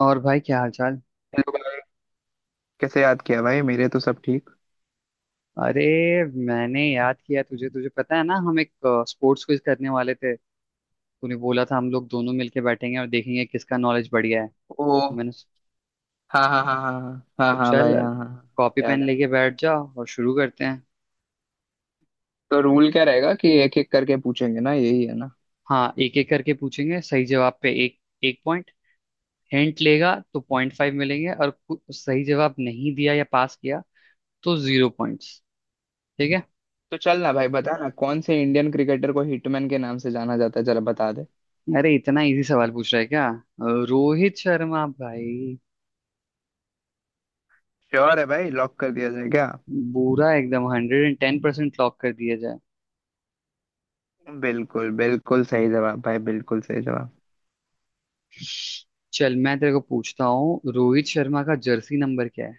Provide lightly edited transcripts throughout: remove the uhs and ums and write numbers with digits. और भाई क्या हाल चाल? हेलो भाई। कैसे याद किया भाई? मेरे तो सब ठीक। अरे, मैंने याद किया तुझे। तुझे पता है ना, हम एक स्पोर्ट्स क्विज करने वाले थे। तूने बोला था हम लोग दोनों मिलके बैठेंगे और देखेंगे किसका नॉलेज बढ़िया है। ओ, तो मैंने स- हाँ हाँ हाँ हाँ हाँ। हाँ तो हाँ चल, भाई, हाँ हाँ हाँ। कॉपी पेन याद लेके है। बैठ जा और शुरू करते हैं। तो रूल क्या रहेगा कि एक एक करके पूछेंगे ना, यही है ना? हाँ, एक एक करके पूछेंगे, सही जवाब पे एक एक पॉइंट। हिंट लेगा तो 0.5 मिलेंगे, और सही जवाब नहीं दिया या पास किया तो जीरो पॉइंट्स। ठीक है। तो चल ना भाई, बता ना, कौन से इंडियन क्रिकेटर को हिटमैन के नाम से जाना जाता है? जरा बता दे। अरे इतना इजी सवाल पूछ रहा है क्या? रोहित शर्मा भाई। श्योर है भाई? लॉक कर दिया जाए क्या? बुरा एकदम 110% लॉक कर दिया जाए। बिल्कुल बिल्कुल सही जवाब भाई, बिल्कुल सही जवाब। चल, मैं तेरे को पूछता हूँ, रोहित शर्मा का जर्सी नंबर क्या है?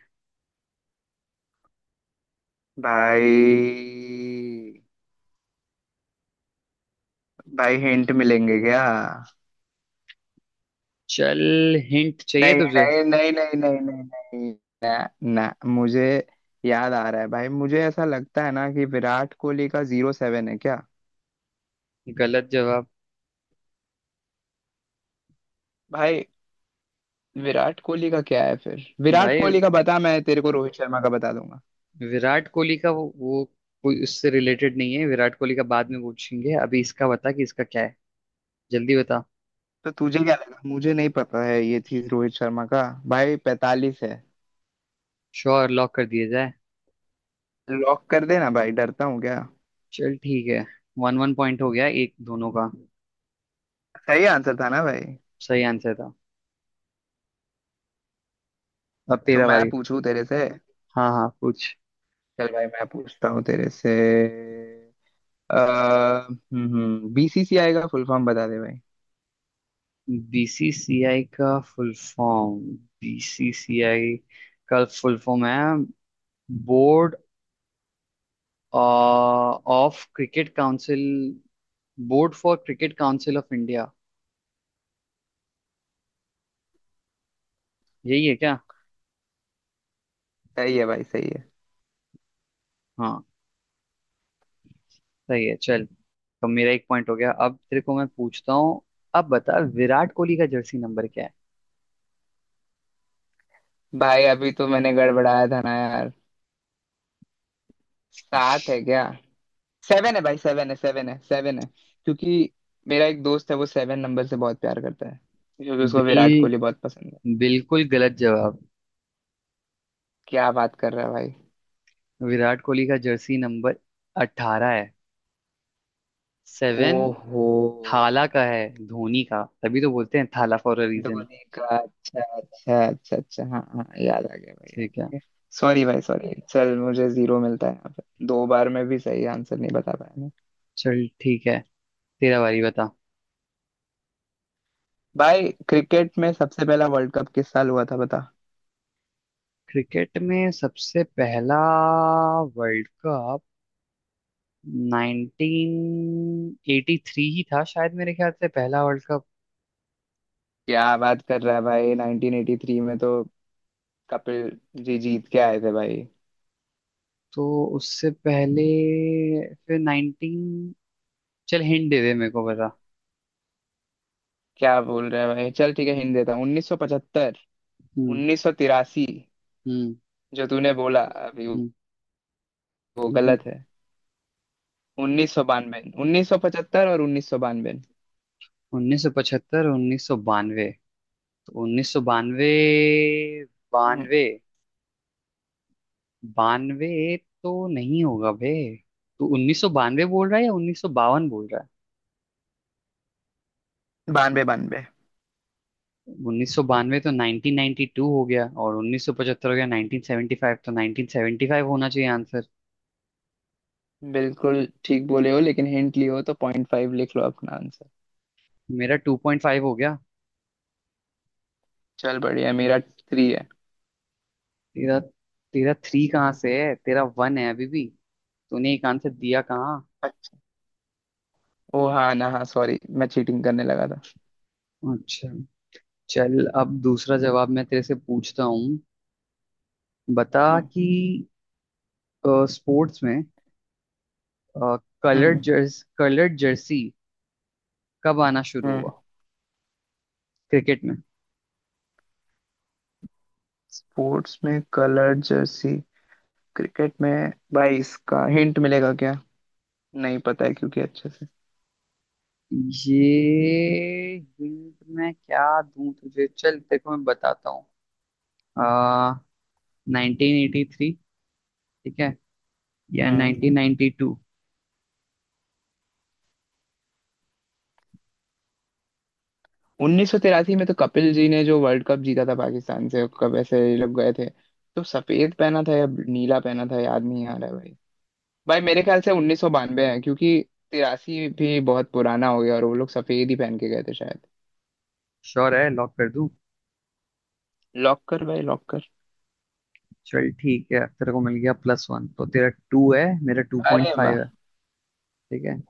भाई, भाई हिंट मिलेंगे क्या? चल, हिंट नहीं चाहिए तुझे? नहीं नहीं नहीं नहीं नहीं नहीं। ना मुझे। याद आ रहा है भाई, मुझे ऐसा लगता है ना कि विराट कोहली का जीरो सेवन है क्या? गलत जवाब। भाई। विराट कोहली का क्या है फिर? विराट भाई कोहली का बता, मैं तेरे को रोहित शर्मा का बता दूंगा। विराट कोहली का वो कोई उससे रिलेटेड नहीं है। विराट कोहली का बाद में पूछेंगे, अभी इसका बता कि इसका क्या है, जल्दी बता। तो तुझे क्या लगा मुझे नहीं पता है ये चीज? रोहित शर्मा का भाई 45 है। श्योर? लॉक कर दिया जाए। लॉक कर देना भाई, डरता हूँ क्या? चल ठीक है। वन वन पॉइंट हो गया, एक दोनों का। सही आंसर था ना भाई? सही आंसर था। अब तो तेरा मैं बारी। पूछूं तेरे से? हाँ हाँ, पूछ। चल भाई, मैं पूछता हूँ तेरे से। अ, बीसीसीआई का फुल फॉर्म बता दे भाई। बीसीसीआई का फुल फॉर्म। बीसीसीआई का फुल फॉर्म है board of cricket council, board for cricket council of India. यही है क्या? सही है भाई, सही है। हाँ, सही है, चल। तो मेरा एक पॉइंट हो गया, अब तेरे को मैं पूछता हूँ। अब बता विराट कोहली का जर्सी नंबर क्या है? भाई अभी तो मैंने गड़बड़ाया था ना यार। सात है क्या? सेवन है भाई, सेवन है सेवन है सेवन है। क्योंकि मेरा एक दोस्त है, वो सेवन नंबर से बहुत प्यार करता है, क्योंकि उसको विराट बिल कोहली बहुत पसंद है। बिल्कुल गलत जवाब। क्या बात कर रहा है भाई? विराट कोहली का जर्सी नंबर 18 है। 7 ओहो। थाला का है, धोनी का, तभी तो बोलते हैं Thala for a reason. Dhoni का? अच्छा अच्छा अच्छा अच्छा, हाँ हाँ याद आ गया भाई, याद आ ठीक है। गया। सॉरी भाई सॉरी, चल मुझे जीरो मिलता है यहाँ पे, दो बार में भी सही आंसर नहीं बता पाया मैं। चल ठीक है, तेरा बारी बता। भाई, क्रिकेट में सबसे पहला वर्ल्ड कप किस साल हुआ था बता? क्रिकेट में सबसे पहला वर्ल्ड कप 1983 ही था शायद, मेरे ख्याल से पहला वर्ल्ड कप। क्या बात कर रहा है भाई? 1983 में तो कपिल जी जीत के आए थे भाई। तो उससे पहले, फिर 19... चल, हिंट दे दे मेरे को बता। क्या बोल रहे हैं भाई? चल ठीक है, हिंट देता हूँ। 1975। हम्म। 1983 हम्म। जो तूने बोला अभी, वो हम्म। वो हम्म। गलत है। 1992, 1975 और 1992। 1975, 1992, तो 1992। बानवे, हम्म, बानवे, बानवे तो नहीं होगा बे। तू 1992 बोल रहा है या 1952 बोल रहा है? बानवे बानवे। 1992 तो 1992 हो गया, और 1975 हो गया, 1975 तो 1975 होना चाहिए आंसर। बिल्कुल ठीक बोले हो, लेकिन हिंट लिए हो तो पॉइंट फाइव लिख लो अपना आंसर। मेरा 2.5 हो गया। चल बढ़िया है, मेरा थ्री है। तेरा? तेरा थ्री कहाँ से है? तेरा वन है अभी भी, तूने एक आंसर दिया कहाँ? अच्छा। ओ हाँ ना, हाँ सॉरी, मैं चीटिंग करने लगा था। अच्छा। चल, अब दूसरा जवाब मैं तेरे से पूछता हूँ, बता हम्म। कि स्पोर्ट्स में हम्म। कलर्ड जर्सी कब आना शुरू हम्म। हुआ, क्रिकेट में। स्पोर्ट्स में कलर जर्सी, क्रिकेट में। भाई इसका हिंट मिलेगा क्या? नहीं पता है, क्योंकि अच्छे से। ये हिंट मैं क्या दूं तुझे? चल देखो, मैं बताता हूँ। आ, 1983 ठीक है, या हम्म 1992? 1983 में तो कपिल जी ने जो वर्ल्ड कप जीता था, पाकिस्तान से कब ऐसे ये लोग गए थे। तो सफेद पहना था या नीला पहना था याद नहीं आ रहा है भाई। भाई मेरे ख्याल से 1992 है, क्योंकि तिरासी भी बहुत पुराना हो गया, और वो लोग सफेद ही पहन के गए थे शायद। श्योर है? लॉक कर दूं। लॉक कर भाई, लॉक कर। चल ठीक है, तेरे को मिल गया +1, तो तेरा टू है, मेरा टू पॉइंट अरे वाह। फाइव है। ठीक है,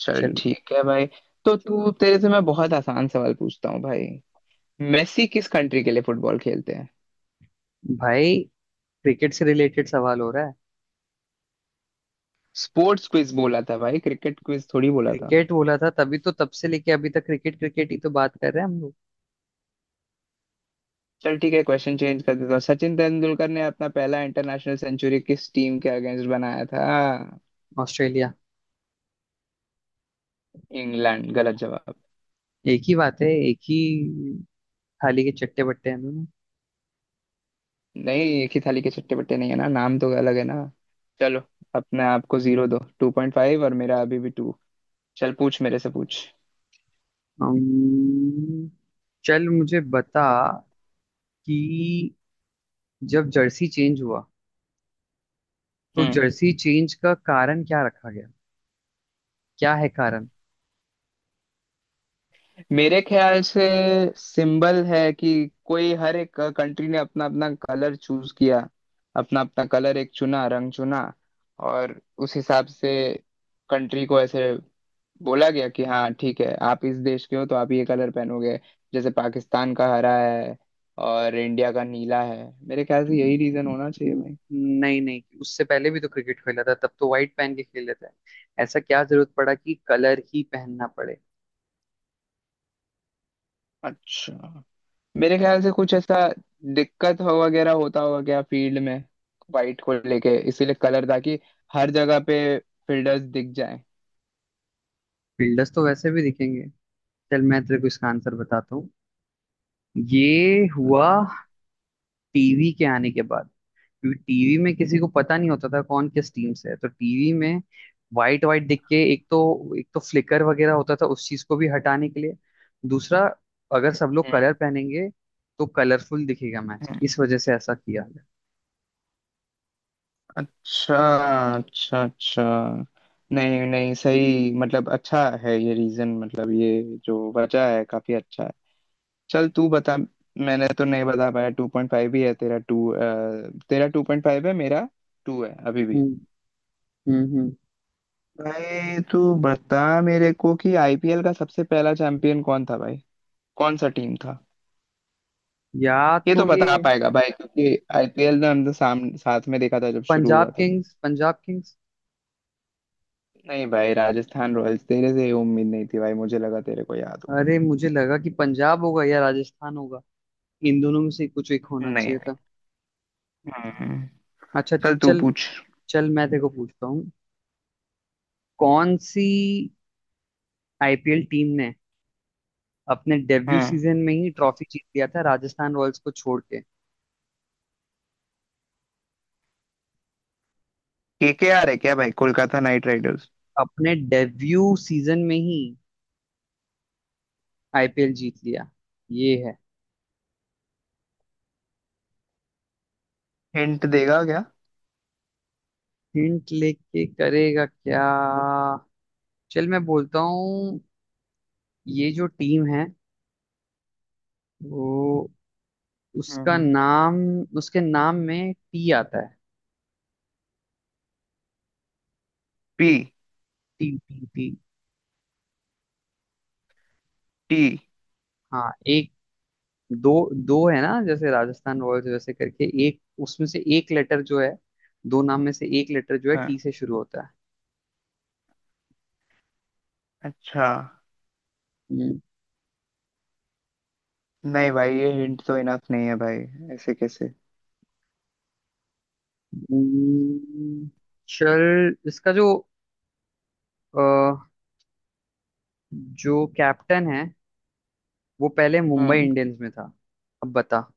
चल चल। ठीक है भाई। तो तू, तेरे से मैं बहुत आसान सवाल पूछता हूँ भाई। मेसी किस कंट्री के लिए फुटबॉल खेलते हैं? भाई, क्रिकेट से रिलेटेड सवाल हो रहा है। स्पोर्ट्स क्विज बोला था भाई, क्रिकेट क्विज थोड़ी बोला था। क्रिकेट बोला था, तभी तो तब से लेके अभी तक क्रिकेट क्रिकेट ही तो बात कर रहे हैं हम लोग। चल ठीक है, क्वेश्चन चेंज कर देता हूँ। सचिन तेंदुलकर ने अपना पहला इंटरनेशनल सेंचुरी किस टीम के अगेंस्ट बनाया था? ऑस्ट्रेलिया। इंग्लैंड? गलत जवाब। एक ही बात है, एक ही, थाली के चट्टे बट्टे हैं हम। नहीं, एक ही थाली के चट्टे बट्टे नहीं है ना, नाम तो अलग है ना। चलो, अपने आप को जीरो दो, टू पॉइंट फाइव, और मेरा अभी भी टू। चल पूछ, मेरे से पूछ। अम्म, चल मुझे बता कि जब जर्सी चेंज हुआ तो हम्म जर्सी चेंज का कारण क्या रखा गया? क्या है कारण? मेरे ख्याल से सिंबल है कि कोई, हर एक कंट्री ने अपना अपना कलर चूज किया। अपना अपना कलर एक चुना, रंग चुना। और उस हिसाब से कंट्री को ऐसे बोला गया कि हाँ ठीक है, आप इस देश के हो तो आप ये कलर पहनोगे। जैसे पाकिस्तान का हरा है और इंडिया का नीला है, मेरे ख्याल से यही रीजन होना चाहिए भाई। नहीं नहीं, उससे पहले भी तो क्रिकेट खेला था, तब तो व्हाइट पहन के खेल लेते हैं। ऐसा क्या जरूरत पड़ा कि कलर ही पहनना पड़े? अच्छा। मेरे ख्याल से कुछ ऐसा दिक्कत हो वगैरह होता होगा क्या फील्ड में, वाइट को लेके? इसीलिए कलर, ताकि हर जगह पे फील्डर्स दिख जाएं। फील्डर्स तो वैसे भी दिखेंगे। चल, मैं तेरे को इसका आंसर बताता हूँ। ये हुआ बता। टीवी के आने के बाद। क्योंकि टीवी में किसी को पता नहीं होता था कौन किस टीम से है, तो टीवी में वाइट वाइट दिख के एक तो फ्लिकर वगैरह होता था, उस चीज को भी हटाने के लिए। दूसरा, अगर सब लोग हम्म। कलर पहनेंगे तो कलरफुल दिखेगा मैच, इस वजह से ऐसा किया है। अच्छा अच्छा अच्छा। नहीं नहीं सही, मतलब अच्छा है ये रीजन, मतलब ये जो वजह है काफी अच्छा है। चल तू बता, मैंने तो नहीं बता पाया, टू पॉइंट फाइव ही है तेरा, टू। तेरा टू पॉइंट फाइव है, मेरा टू है अभी भी। हम्म। हम्म। हम्म। भाई तू बता मेरे को कि आईपीएल का सबसे पहला चैंपियन कौन था भाई? कौन सा टीम था? या ये तो तो ये बता पाएगा भाई, क्योंकि आईपीएल ने हम तो सामने, साथ में देखा था जब शुरू हुआ पंजाब था तो। Kings, Punjab Kings. नहीं भाई, राजस्थान रॉयल्स। तेरे से ये उम्मीद नहीं थी भाई, मुझे लगा तेरे को याद हो। अरे मुझे लगा कि पंजाब होगा या राजस्थान होगा, इन दोनों में से कुछ एक नहीं होना नहीं। चाहिए था। हम्म। अच्छा। चल तू चल, पूछ। चल मैं तेरे को पूछता हूँ, कौन सी आईपीएल टीम ने अपने डेब्यू हम्म सीजन में ही ट्रॉफी जीत लिया था, राजस्थान रॉयल्स को छोड़ के? केकेआर है क्या भाई? Kolkata Knight Riders? अपने डेब्यू सीजन में ही आईपीएल जीत लिया, ये है। हिंट देगा क्या? हिंट लेके करेगा क्या? चल मैं बोलता हूँ, ये जो टीम है वो, उसका हम्म नाम, उसके नाम में टी आता है। P. T T T. T. हाँ एक, दो, दो है ना? जैसे राजस्थान रॉयल्स, वैसे करके एक, उसमें से एक लेटर जो है, दो नाम में से एक लेटर जो है हाँ। टी से शुरू होता है। अच्छा। हम्म। नहीं भाई ये हिंट तो इनफ नहीं है भाई, ऐसे कैसे? हम्म। चल, इसका जो अ, जो कैप्टन है वो पहले मुंबई हम्म, इंडियंस में था। अब बता।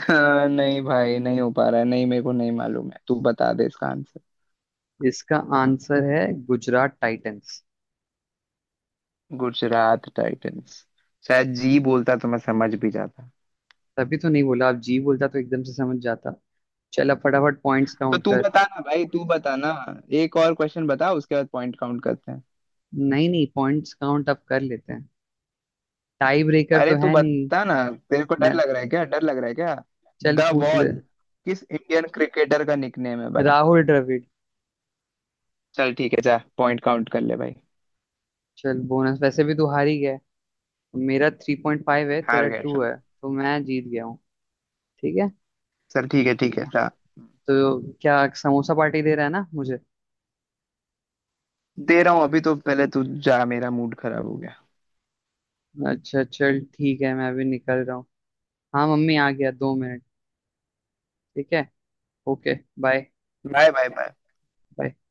हाँ, नहीं भाई, नहीं हो पा रहा है, नहीं मेरे को नहीं मालूम है, तू बता दे इसका आंसर। इसका आंसर है गुजरात टाइटंस। गुजरात टाइटंस? शायद जी बोलता तो मैं समझ भी जाता। तभी तो नहीं बोला, आप जी बोलता तो एकदम से समझ जाता। चल, अब फटाफट पॉइंट्स तो काउंट तू कर। बताना भाई, तू बताना। एक और क्वेश्चन बता, उसके बाद पॉइंट काउंट करते हैं। नहीं नहीं, पॉइंट्स काउंट अब कर लेते हैं, टाई ब्रेकर तो अरे तू है नहीं। बता ना। तेरे को डर मैं लग रहा है क्या, डर लग रहा है क्या? चल द पूछ ले। वॉल किस इंडियन क्रिकेटर का निकनेम है भाई? राहुल द्रविड़। चल ठीक है, जा पॉइंट काउंट कर ले भाई। चल, बोनस वैसे भी तू हार ही गया। मेरा 3.5 है, हार तेरा गया, टू चल। है, तो मैं जीत गया हूँ। ठीक है। चल ठीक है, ठीक है जा। तो क्या समोसा पार्टी दे रहा है ना मुझे? दे रहा हूँ, अभी तो पहले तू जा, मेरा मूड खराब हो गया। अच्छा चल ठीक है, मैं अभी निकल रहा हूँ। हाँ मम्मी, आ गया, 2 मिनट। ठीक है। Okay. Bye bye bye bye. Bye.